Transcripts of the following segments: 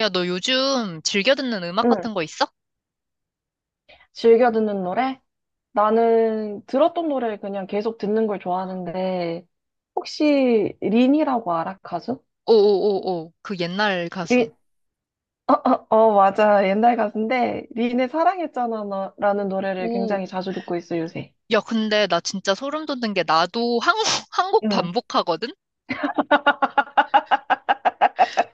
야, 너 요즘 즐겨 듣는 음악 응, 같은 거 있어? 즐겨 듣는 노래? 나는 들었던 노래 그냥 계속 듣는 걸 좋아하는데, 혹시 린이라고 알아, 가수? 오오오오, 그 옛날 가수. 린, 어, 어, 어, 맞아. 옛날 가수인데, 린의 사랑했잖아, 너, 라는 노래를 오, 굉장히 자주 듣고 있어, 요새. 야, 근데 나 진짜 소름 돋는 게 나도 한 한 곡 응. 반복하거든?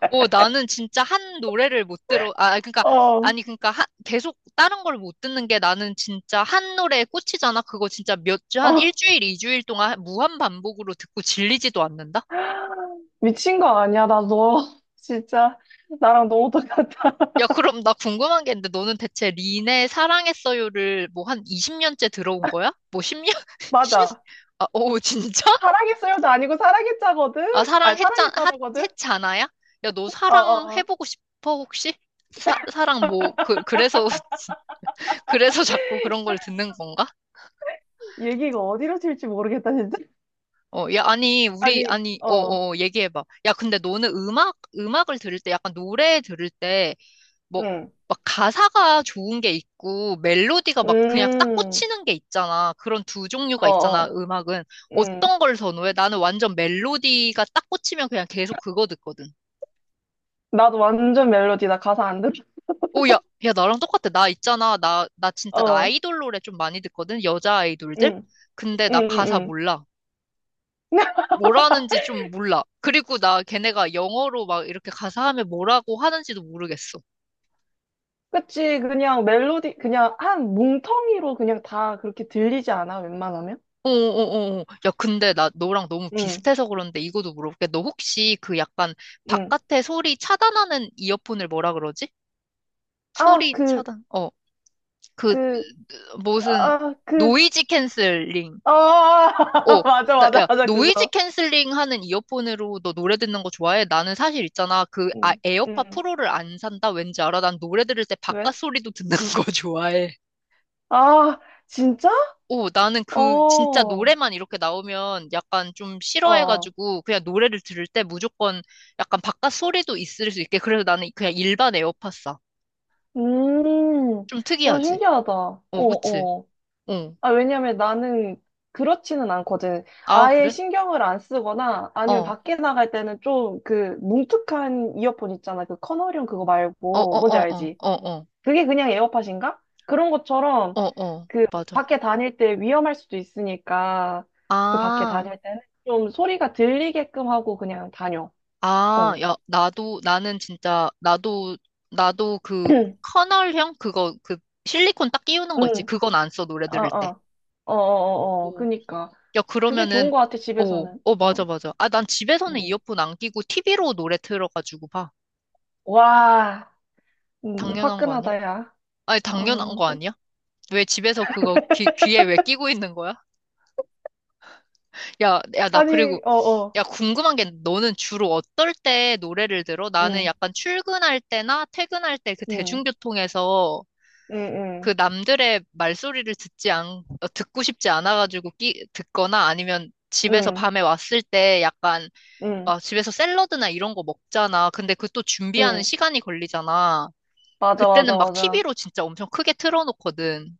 오, 나는 진짜 한 노래를 못 들어, 아, 그러니까, 어, 아니, 그러니까 계속 다른 걸 못 듣는 게 나는 진짜 한 노래에 꽂히잖아. 그거 진짜 몇 주, 한 어, 일주일, 이주일 동안 무한 반복으로 듣고 질리지도 않는다? 미친 거 아니야, 나 너. 진짜, 나랑 너무 똑같아. 야, 그럼 나 궁금한 게 있는데 너는 대체 린의 사랑했어요를 뭐 한 20년째 들어온 거야? 뭐 10년? 맞아. 아, 오, 진짜? 사랑했어요도 아니고 사랑했자거든? 아, 아니, 사랑했잖아거든? 했잖아야? 야, 너 어어. 사랑해보고 싶어, 혹시? 사랑 뭐, 그, 그래서, 그래서 자꾸 그런 걸 듣는 건가? 얘기가 어디로 튈지 모르겠다, 진짜. 어, 야, 아니, 우리, 아니, 아니, 어, 어, 어, 얘기해봐. 야, 근데 너는 음악을 들을 때, 약간 노래 들을 때, 뭐, 응. 막 가사가 좋은 게 있고 멜로디가 막 그냥 딱 음. 꽂히는 게 있잖아. 그런 두 종류가 어, 있잖아, 어, 음악은. 음. 어떤 걸 선호해? 나는 완전 멜로디가 딱 꽂히면 그냥 계속 그거 듣거든. 나도 완전 멜로디다. 가사 안 들어. 오, 야, 야, 나랑 똑같아. 나 있잖아. 나 진짜 나 어, 아이돌 노래 좀 많이 듣거든. 여자 아이돌들. 응. 근데 응, 나 응, 가사 응. 몰라. 뭐라는지 좀 몰라. 그리고 나 걔네가 영어로 막 이렇게 가사하면 뭐라고 하는지도 모르겠어. 그치. 그냥 멜로디, 그냥 한 뭉텅이로 그냥 다 그렇게 들리지 않아? 웬만하면? 어어어어. 야, 근데 나 너랑 너무 응. 비슷해서 그런데 이거도 물어볼게. 너 혹시 그 약간 응. 바깥의 소리 차단하는 이어폰을 뭐라 그러지? 아, 소리 그, 차단. 어, 그 그, 무슨 아, 그, 노이즈 캔슬링. 아, 어, 맞아, 나, 맞아, 야, 맞아, 노이즈 그거. 캔슬링 하는 이어폰으로 너 노래 듣는 거 좋아해? 나는 사실 있잖아. 그 아, 응. 에어팟 응. 프로를 안 산다? 왠지 알아? 난 노래 들을 때 바깥 왜? 소리도 듣는 거 좋아해. 아, 진짜? 오, 나는 그 진짜 어. 노래만 이렇게 나오면 약간 좀 어. 싫어해가지고 그냥 노래를 들을 때 무조건 약간 바깥 소리도 있을 수 있게 그래서 나는 그냥 일반 에어팟 사. 음, 좀 어, 특이하지? 신기하다. 어, 어, 그치? 어. 어. 아, 왜냐면 나는 그렇지는 않거든. 아, 아예 그래? 신경을 안 쓰거나 어. 아니면 어, 밖에 나갈 때는 좀 그 뭉툭한 이어폰 있잖아. 그 커널형 그거 어, 어, 말고. 뭔지 어, 어, 알지? 어, 그게 그냥 에어팟인가? 그런 것처럼 어, 어. 맞아. 밖에 다닐 때 위험할 수도 있으니까 그 밖에 아, 다닐 때는 좀 소리가 들리게끔 하고 그냥 다녀. 아, 어. 야, 나도, 나는 진짜, 나도, 나도 그 커널형? 그거, 그 실리콘 딱 끼우는 거 있지? 응, 그건 안 써, 노래 어, 들을 때. 어, 어, 어, 어, 어. 그니까. 야, 그게 좋은 그러면은, 것 같아, 어, 집에서는. 어, 맞아, 어, 맞아. 아, 난 응. 집에서는 응. 이어폰 안 끼고 TV로 노래 틀어가지고 봐. 와, 당연한 거 아니야? 화끈하다, 야. 아니, 당연한 어, 거 아니야? 왜 집에서 그거 귀에 왜 끼고 있는 거야? 야, 야, 나 그리고, 아니, 어, 어, 야, 궁금한 게 너는 주로 어떨 때 노래를 들어? 나는 응, 약간 출근할 때나 퇴근할 때 그 응, 대중교통에서 응, 그 응, 남들의 말소리를 듣고 싶지 않아가지고 듣거나 아니면 집에서 응, 밤에 왔을 때 약간 응, 아, 집에서 샐러드나 이런 거 먹잖아. 근데 그 또 준비하는 응. 시간이 걸리잖아. 맞아, 맞아, 그때는 막 맞아. TV로 진짜 엄청 크게 틀어놓거든.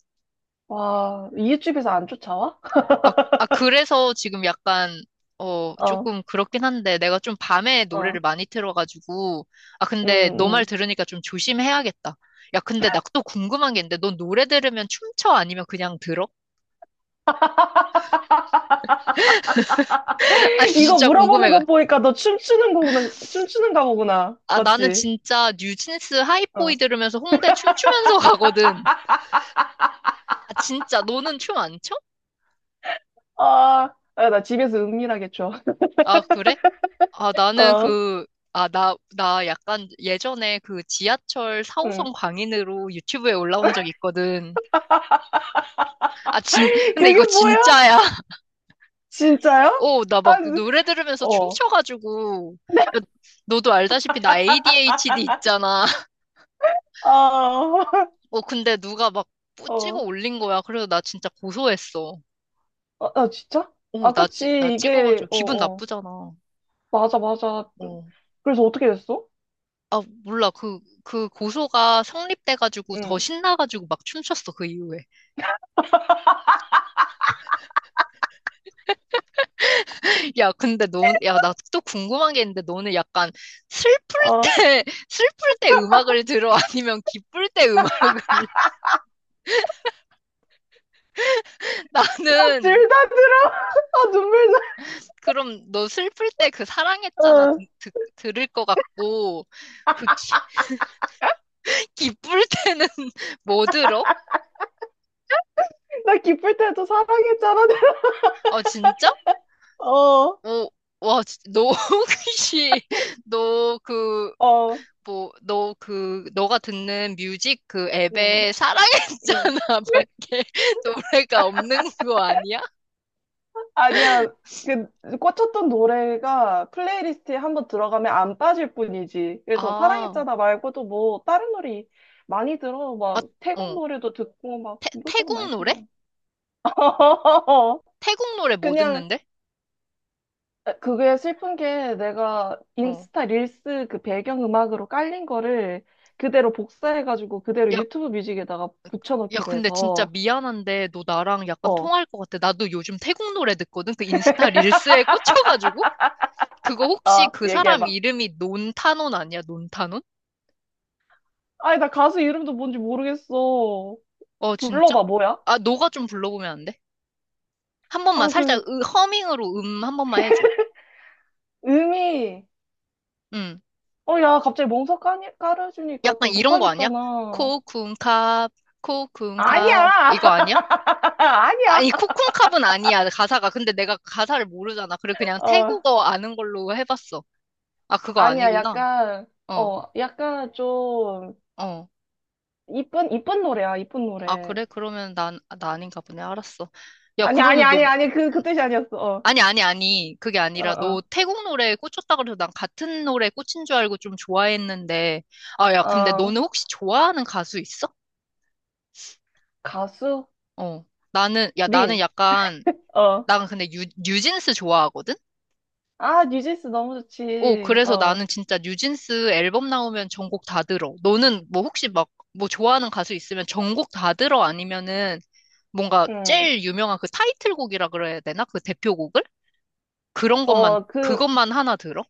와, 이웃집에서 안 쫓아와? 아, 아, 그래서 지금 약간, 어, 어, 조금 그렇긴 한데 내가 좀 밤에 어, 노래를 많이 틀어가지고. 아, 응, 근데 너 말 응. 들으니까 좀 조심해야겠다. 야, 근데 나 또 궁금한 게 있는데 넌 노래 들으면 춤춰? 아니면 그냥 들어? 아니, 이거 진짜 물어보는 궁금해. 거 보니까 너 춤추는 거구나, 춤추는가 보구나. 아, 나는 맞지? 진짜 뉴진스 하이보이 어, 들으면서 홍대 춤추면서 가거든. 아, 진짜 너는 춤 안 춰? 아, 아, 나 집에서 은밀하게 춰. 아, 그래? 아, 나는 어, 그, 아, 나 약간 예전에 그 지하철 응. 4호선 광인으로 유튜브에 올라온 적 있거든. 아, 근데 이거 그게 뭐야? 진짜야. 진짜요? 어, 나 아, 막 노래 들으면서 어. 춤춰가지고. 네. 야, 너도 알다시피 나 ADHD 있잖아. 아, 어, 근데 누가 막 찍어 어. 올린 거야. 그래서 나 진짜 고소했어. 아, 아, 진짜? 어, 아, 나 그치. 이게, 찍어가지고 어, 기분 어. 나쁘잖아. 맞아, 맞아. 어. 그래서 어떻게 됐어? 아, 몰라. 그 고소가 성립돼가지고 더 응. 신나가지고 막 춤췄어, 그 이후에. 야, 근데 너, 야, 나 또 궁금한 게 있는데, 너는 약간 슬플 때, 아, 슬플 때 음악을 들어? 아니면 기쁠 때 음악을? 나 나는, 질다 들어. 아, 눈물 나. 그럼 너 슬플 때 그 사랑했잖아 듣, 응. 들을 것 같고, 그 기, 기쁠 때는 뭐 들어? 나 기쁠 때도 사랑했잖아. 아, 진짜? 어, 오, 와, 너 혹시, 너 그, 어. 뭐, 너 그, 너가 듣는 뮤직 그 응, 앱에 사랑했잖아 응. 밖에 노래가 없는 거 아니야? 아니야. 그 꽂혔던 노래가 플레이리스트에 한번 들어가면 안 빠질 뿐이지. 그래서 아, 사랑했잖아 말고도 뭐 다른 노래 많이 들어. 아, 막 태국 어. 노래도 듣고 막 이것저것 태국 많이 노래? 들어. 태국 노래 뭐 그냥 듣는데? 그게 슬픈 게 내가 어. 인스타 릴스 그 배경음악으로 깔린 거를 그대로 복사해가지고 그대로 야, 유튜브 뮤직에다가 야, 붙여넣기로 근데 진짜 해서 미안한데 너 나랑 약간 어. 통할 것 같아. 나도 요즘 태국 노래 듣거든? 그 인스타 릴스에 꽂혀가지고? 그거 혹시 아, 그 사람 얘기해봐. 이름이 논타논 아니야? 논타논? 아니, 나 가수 이름도 뭔지 모르겠어. 어, 진짜? 불러봐, 뭐야? 아, 너가 좀 불러보면 안 돼? 한 번만 아, 그, 살짝 허밍으로 한 번만 해줘. 음이, 응. 어, 야, 갑자기 멍석 까니, 깔아주니까 약간 또 이런 거 아니야? 못하겠잖아. 코쿤캅, 코쿤캅. 아니야! 이거 아니야? 아니야! 아니, 코쿤캅은 아니야, 가사가. 근데 내가 가사를 모르잖아. 그래, 그냥 어, 태국어 아는 걸로 해봤어. 아, 그거 아니야, 아니구나. 약간, 어, 어, 약간 좀, 어. 이쁜, 이쁜 노래야, 이쁜 아, 노래. 그래? 그러면 난, 아, 나 아닌가 보네. 알았어. 야, 아니, 아니, 그러면 너, 아니, 아니, 그, 그 뜻이 아니었어. 어, 아니, 아니, 아니. 그게 아니라 어, 너 태국 노래에 꽂혔다 그래서 난 같은 노래에 꽂힌 줄 알고 좀 좋아했는데. 아, 야, 어, 근데 어, 너는 혹시 좋아하는 가수 있어? 가수? 어. 나는, 야, 나는 린. 약간, 어. 나는 근데 뉴진스 좋아하거든? 아, 뉴진스 너무 오, 좋지. 그래서 어, 나는 진짜 뉴진스 앨범 나오면 전곡 다 들어. 너는 뭐 혹시 막 뭐 좋아하는 가수 있으면 전곡 다 들어 아니면은 뭔가 응. 제일 유명한 그 타이틀곡이라 그래야 되나? 그 대표곡을? 그런 것만, 어, 그, 그것만 하나 들어?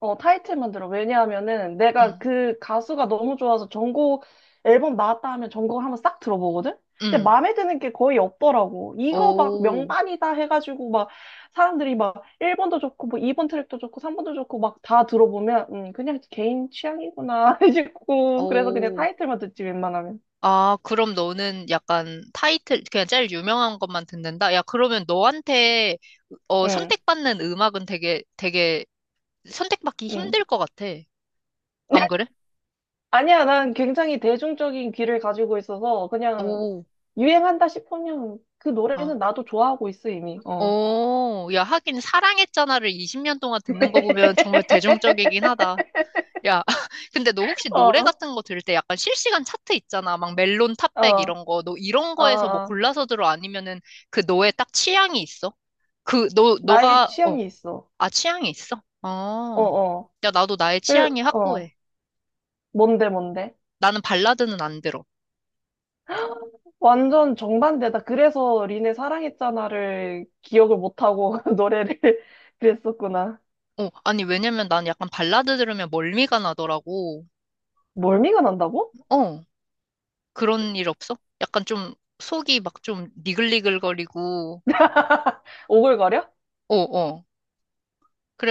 어, 타이틀만 들어. 왜냐하면은 내가 응, 그 가수가 너무 좋아서 전곡 앨범 나왔다 하면 전곡을 한번 싹 들어보거든? 근데 응. 마음에 드는 게 거의 없더라고. 이거 막 오, 명반이다 해가지고 막 사람들이 막 1번도 좋고 뭐 2번 트랙도 좋고 3번도 좋고 막 다 들어보면 그냥 개인 취향이구나 싶고 그래서 그냥 오. 타이틀만 듣지 웬만하면. 아, 그럼 너는 약간 타이틀, 그냥 제일 유명한 것만 듣는다? 야, 그러면 너한테 어, 응, 선택받는 음악은 되게, 되게 선택받기 응. 힘들 것 같아. 안 그래? 아니야, 난 굉장히 대중적인 귀를 가지고 있어서 그냥 오. 유행한다 싶으면 그 노래는 아. 나도 좋아하고 있어 이미. 어. 오, 야, 하긴 사랑했잖아를 20년 동안 듣는 거 보면 정말 대중적이긴 하다. 야, 근데 너 혹시 노래 어. 같은 거 들을 때 약간 실시간 차트 있잖아. 막 멜론 어, 탑백 이런 거. 너 이런 어, 거에서 뭐 어. 골라서 들어? 아니면은 그 너의 딱 취향이 있어? 그, 나의 취향이 있어. 아, 취향이 있어? 어, 어. 어. 야, 나도 나의 그, 취향이 어. 확고해. 뭔데, 뭔데? 나는 발라드는 안 들어. 완전 정반대다. 그래서 린의 사랑했잖아를 기억을 못하고 노래를 그랬었구나. 어, 아니, 왜냐면 난 약간 발라드 들으면 멀미가 나더라고. 멀미가 난다고? 어. 그런 일 없어? 약간 좀 속이 막 좀 니글니글거리고, 오글거려? 어, 어.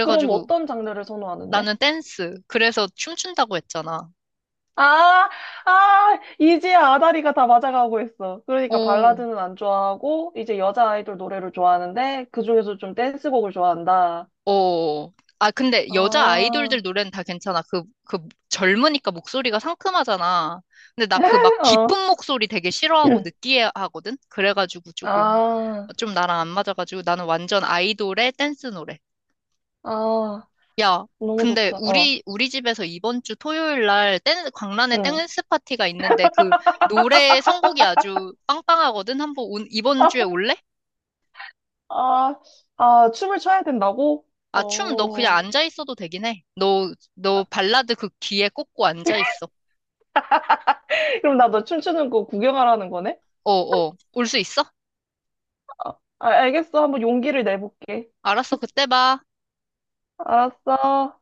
그럼 어떤 장르를 선호하는데? 나는 댄스. 그래서 춤춘다고 했잖아. 아, 아, 이제야 아다리가 다 맞아가고 있어. 어, 그러니까 어. 발라드는 안 좋아하고, 이제 여자 아이돌 노래를 좋아하는데, 그중에서 좀 댄스곡을 좋아한다. 어. 아, 근데 여자 아, 아이돌들 노래는 다 괜찮아. 그 젊으니까 목소리가 상큼하잖아. 근데 나 그 막 어. 깊은 목소리 되게 싫어하고 느끼해 하거든? 그래가지고 조금, 아, 좀 나랑 안 맞아가지고 나는 완전 아이돌의 댄스 노래. 아, 야, 너무 근데 좋다. 어, 우리 집에서 이번 주 토요일 날 댄스, 광란의 응. 댄스 파티가 있는데 그 노래 선곡이 아주 빵빵하거든. 한번 이번 주에 올래? 아, 아, 춤을 춰야 된다고? 아, 춤 너 그냥 어. 앉아 있어도 되긴 해. 너 발라드 그 귀에 꽂고 앉아 있어. 그럼 나 너 춤추는 거 구경하라는 거네? 어, 어. 올 수 있어? 아, 아, 알겠어. 한번 용기를 내볼게. 알았어. 그때 봐. 알았어.